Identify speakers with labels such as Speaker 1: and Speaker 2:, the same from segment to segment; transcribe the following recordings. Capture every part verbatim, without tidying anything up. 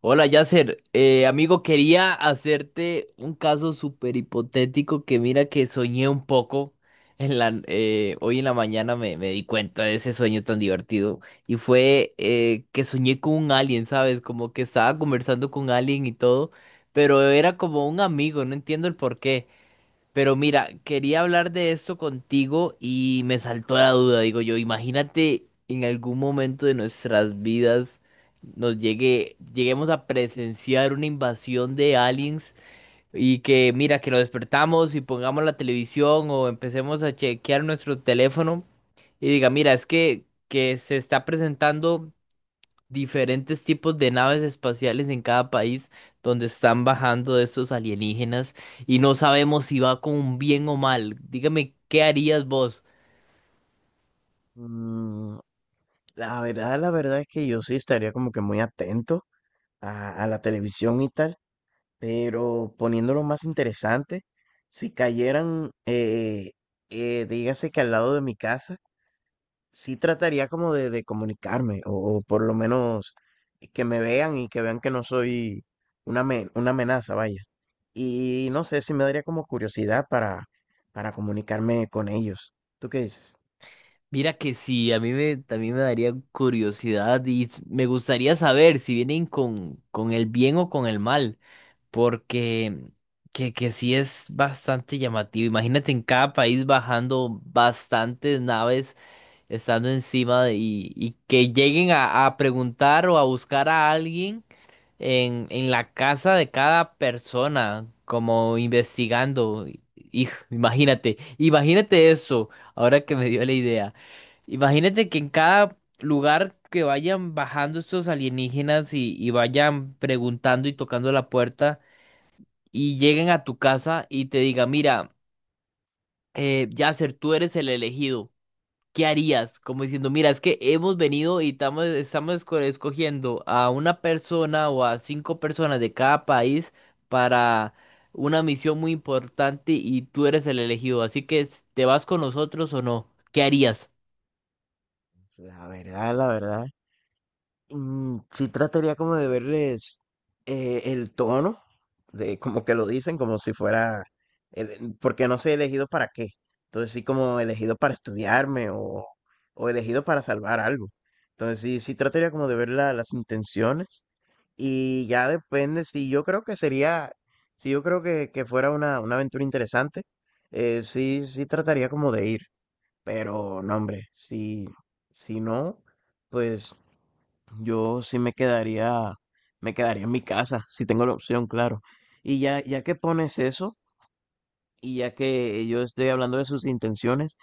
Speaker 1: Hola, Yasser. Eh, amigo, quería hacerte un caso súper hipotético que mira que soñé un poco. En la, eh, hoy en la mañana me, me di cuenta de ese sueño tan divertido. Y fue eh, que soñé con un alien, ¿sabes? Como que estaba conversando con alguien y todo. Pero era como un amigo, no entiendo el porqué. Pero mira, quería hablar de esto contigo y me saltó la duda. Digo yo, imagínate en algún momento de nuestras vidas nos llegue, lleguemos a presenciar una invasión de aliens y que mira, que lo despertamos y pongamos la televisión o empecemos a chequear nuestro teléfono y diga, mira, es que, que se está presentando diferentes tipos de naves espaciales en cada país donde están bajando estos alienígenas y no sabemos si va con bien o mal. Dígame, ¿qué harías vos?
Speaker 2: Mm, la verdad, la verdad es que yo sí estaría como que muy atento a, a la televisión y tal, pero poniéndolo más interesante, si cayeran, eh, eh, dígase que al lado de mi casa, sí trataría como de, de comunicarme o, o por lo menos que me vean y que vean que no soy una, amen- una amenaza, vaya. Y no sé si me daría como curiosidad para, para comunicarme con ellos. ¿Tú qué dices?
Speaker 1: Mira que sí, a mí me, también me daría curiosidad y s- me gustaría saber si vienen con, con el bien o con el mal, porque que, que sí es bastante llamativo. Imagínate en cada país bajando bastantes naves estando encima de- y, y que lleguen a, a preguntar o a buscar a alguien en, en la casa de cada persona, como investigando. Hijo, imagínate, imagínate eso, ahora que me dio la idea. Imagínate que en cada lugar que vayan bajando estos alienígenas y, y vayan preguntando y tocando la puerta y lleguen a tu casa y te digan, mira, eh, Yasser, tú eres el elegido. ¿Qué harías? Como diciendo, mira, es que hemos venido y tamo- estamos, esco- escogiendo a una persona o a cinco personas de cada país para una misión muy importante y tú eres el elegido. Así que, s- ¿te vas con nosotros o no? ¿Qué harías?
Speaker 2: La verdad, la verdad. Mm, Sí trataría como de verles eh, el tono, de como que lo dicen, como si fuera, eh, porque no sé elegido para qué. Entonces sí como elegido para estudiarme o, o elegido para salvar algo. Entonces sí, sí trataría como de ver la- las intenciones y ya depende si yo creo que sería, si yo creo que, que fuera una, una aventura interesante, eh, sí, sí trataría como de ir. Pero no, hombre, si, si no, pues... Yo sí me quedaría, me quedaría en mi casa, si tengo la opción, claro. Y ya, ya que pones eso, y ya que yo estoy hablando de sus intenciones,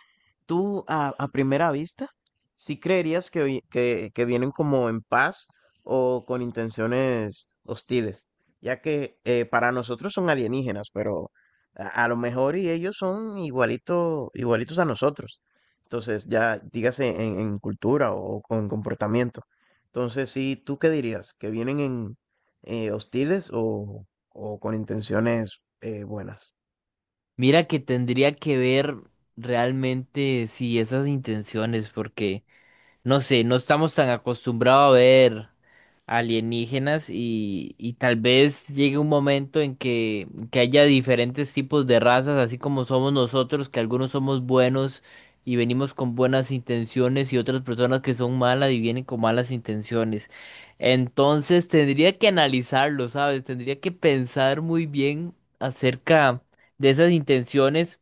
Speaker 2: tú a, a primera vista, si creerías que, vi- que, que vienen como en paz o con intenciones hostiles, ya que eh, para nosotros son alienígenas, pero a, a lo mejor y ellos son igualito, igualitos a nosotros. Entonces, ya dígase en, en cultura o, con comportamiento. Entonces, sí, ¿tú qué dirías? ¿Que vienen en eh, hostiles o, o con intenciones eh, buenas?
Speaker 1: Mira que tendría que ver realmente si esas intenciones, porque no sé, no estamos tan acostumbrados a ver alienígenas y, y tal vez llegue un momento en que, que haya diferentes tipos de razas, así como somos nosotros, que algunos somos buenos y venimos con buenas intenciones y otras personas que son malas y vienen con malas intenciones. Entonces tendría que analizarlo, ¿sabes? Tendría que pensar muy bien acerca de esas intenciones.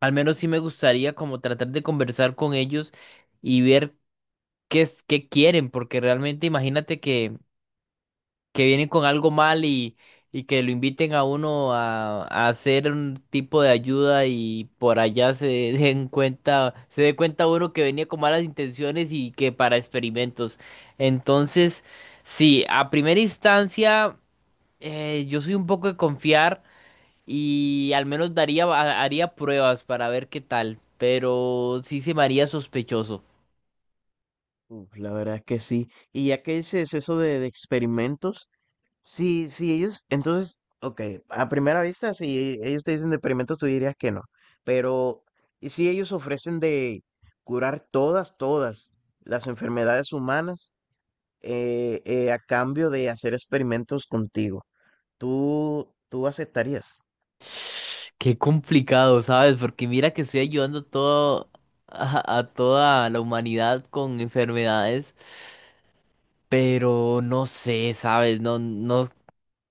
Speaker 1: Al menos sí me gustaría como tratar de conversar con ellos y ver qué es, qué quieren, porque realmente imagínate que que vienen con algo mal y, y que lo inviten a uno a, a hacer un tipo de ayuda y por allá se den cuenta, se dé cuenta uno que venía con malas intenciones y que para experimentos. Entonces, sí, a primera instancia, eh, yo soy un poco de confiar y al menos daría, ha- haría pruebas para ver qué tal, pero sí se me haría sospechoso.
Speaker 2: Uf, la verdad es que sí. Y ya que dices eso de, de experimentos, sí, sí, ellos, entonces, ok, a primera vista, si ellos te dicen de experimentos, tú dirías que no. Pero, ¿y si ellos ofrecen de curar todas, todas las enfermedades humanas eh, eh, a cambio de hacer experimentos contigo? ¿Tú, tú aceptarías?
Speaker 1: Qué complicado, ¿sabes? Porque mira que estoy ayudando todo a, a toda la humanidad con enfermedades, pero no sé, ¿sabes? No, no,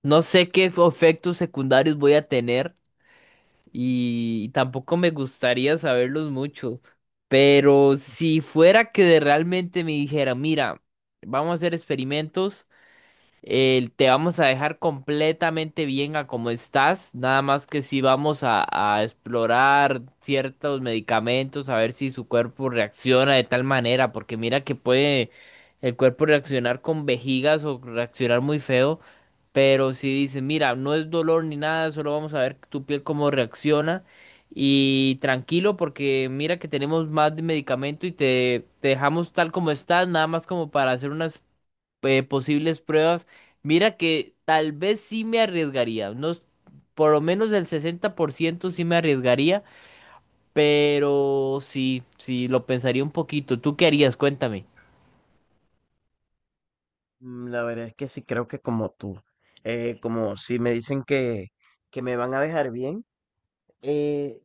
Speaker 1: no sé qué efectos secundarios voy a tener y tampoco me gustaría saberlos mucho. Pero si fuera que de realmente me dijera, mira, vamos a hacer experimentos, eh, te vamos a dejar completamente bien a como estás, nada más que si vamos a, a explorar ciertos medicamentos, a ver si su cuerpo reacciona de tal manera, porque mira que puede el cuerpo reaccionar con vejigas o reaccionar muy feo, pero si dice, mira, no es dolor ni nada, solo vamos a ver tu piel cómo reacciona. Y tranquilo, porque mira que tenemos más de medicamento y te, te dejamos tal como estás, nada más como para hacer unas eh, posibles pruebas, mira que tal vez sí me arriesgaría, unos, por lo menos el sesenta por ciento sí me arriesgaría, pero sí, sí, lo pensaría un poquito. ¿Tú qué harías? Cuéntame.
Speaker 2: Mm, La verdad es que sí, creo que como tú, eh, como si me dicen que, que me van a dejar bien. eh,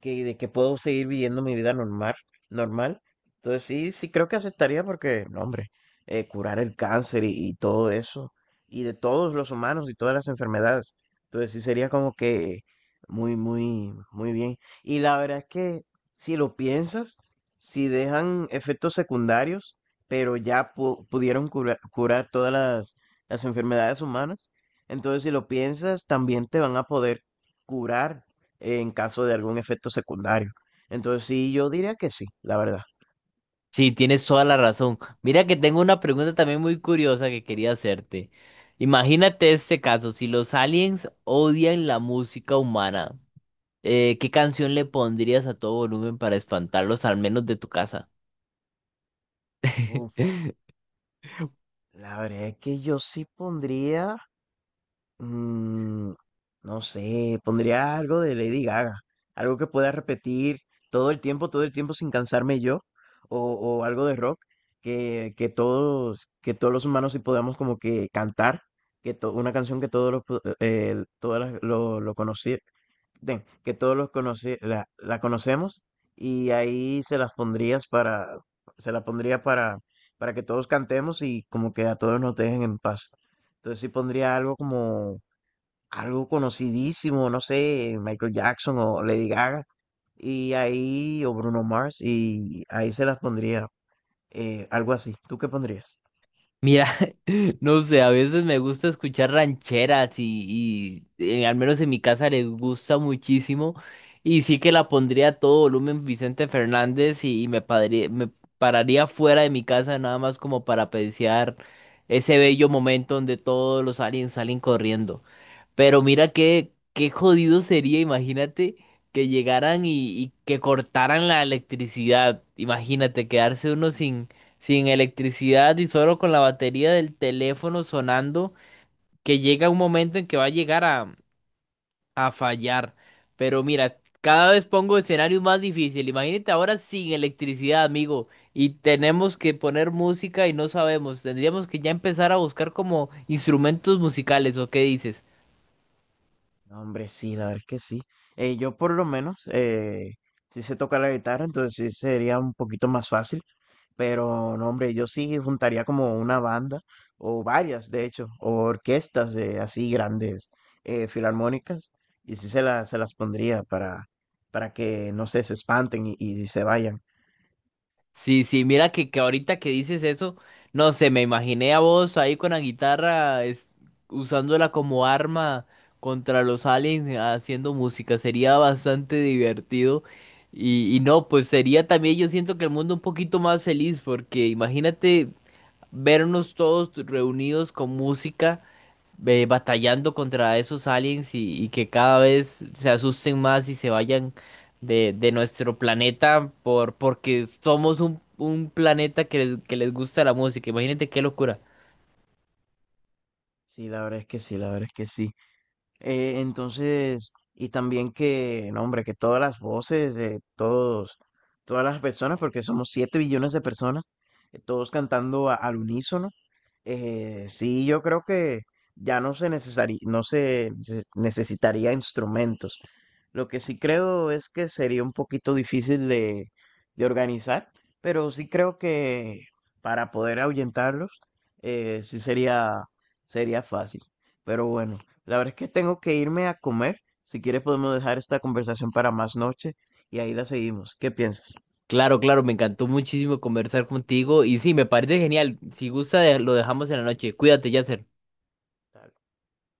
Speaker 2: que, de que puedo seguir viviendo mi vida normal, normal. Entonces sí, sí creo que aceptaría porque, no, hombre, eh, curar el cáncer y, y todo eso, y de todos los humanos y todas las enfermedades. Entonces sí sería como que muy, muy, muy bien. Y la verdad es que si lo piensas, si dejan efectos secundarios, pero ya pu- pudieron curar curar todas las, las enfermedades humanas, entonces si lo piensas, también te van a poder curar en caso de algún efecto secundario. Entonces sí, yo diría que sí, la verdad.
Speaker 1: Sí, tienes toda la razón. Mira que tengo una pregunta también muy curiosa que quería hacerte. Imagínate este caso, si los aliens odian la música humana, eh, ¿qué canción le pondrías a todo volumen para espantarlos, al menos de tu casa?
Speaker 2: Uf, la verdad es que yo sí pondría, mm, no sé, pondría algo de Lady Gaga, algo que pueda repetir todo el tiempo, todo el tiempo sin cansarme yo, o, o algo de rock que, que todos, que todos los humanos sí podamos como que cantar, que to- una canción que todos los, pu- eh, todas las- lo, lo, conoci- de- que todos los conoce, la, la conocemos y ahí se las pondrías para, se la pondría para, para que todos cantemos y como que a todos nos dejen en paz. Entonces sí pondría algo como algo conocidísimo, no sé, Michael Jackson o Lady Gaga y ahí o Bruno Mars y ahí se las pondría eh, algo así. ¿Tú qué pondrías?
Speaker 1: Mira, no sé, a veces me gusta escuchar rancheras y, y, eh, al menos en mi casa les gusta muchísimo y sí que la pondría a todo volumen Vicente Fernández y, y me, padre- me pararía fuera de mi casa nada más como para apreciar ese bello momento donde todos los aliens salen corriendo. Pero mira qué, qué jodido sería, imagínate que llegaran y, y que cortaran la electricidad. Imagínate quedarse uno sin electricidad y solo con la batería del teléfono sonando, que llega un momento en que va a llegar a, a fallar. Pero mira, cada vez pongo escenarios más difíciles. Imagínate ahora sin electricidad, amigo, y tenemos que poner música y no sabemos. Tendríamos que ya empezar a buscar como instrumentos musicales, ¿o qué dices?
Speaker 2: No, hombre, sí, la verdad es que sí. Eh, yo por lo menos eh, sí sé tocar la guitarra, entonces sí sería un poquito más fácil. Pero no, hombre, yo sí juntaría como una banda, o varias, de hecho, o orquestas de así grandes eh, filarmónicas, y sí se, la- se las pondría para, para que, no sé, se espanten y, y se vayan.
Speaker 1: Sí, sí, mira que, que ahorita que dices eso, no sé, me imaginé a vos ahí con la guitarra, es- usándola como arma contra los aliens, haciendo música, sería bastante divertido. Y, y no, pues sería también, yo siento que el mundo un poquito más feliz, porque imagínate vernos todos reunidos con música, eh, batallando contra esos aliens y, y que cada vez se asusten más y se vayan de, de nuestro planeta por, porque somos un, un planeta que les, que les gusta la música. Imagínate qué locura.
Speaker 2: Sí, la verdad es que sí, la verdad es que sí. Eh, entonces, y también que, no, hombre, que todas las voces de todos, todas las personas, porque somos siete billones de personas, eh, todos cantando a- al unísono. Eh, sí, yo creo que ya no se necesari- no se nece- necesitaría instrumentos. Lo que sí creo es que sería un poquito difícil de, de organizar, pero sí creo que para poder ahuyentarlos, eh, sí sería, sería fácil. Pero bueno. La verdad es que tengo que irme a comer. Si quieres podemos dejar esta conversación para más noche y ahí la seguimos. ¿Qué piensas?
Speaker 1: Claro, claro, me encantó muchísimo conversar contigo y sí, me parece genial. Si gusta, de- lo dejamos en la noche. Cuídate, Yasser.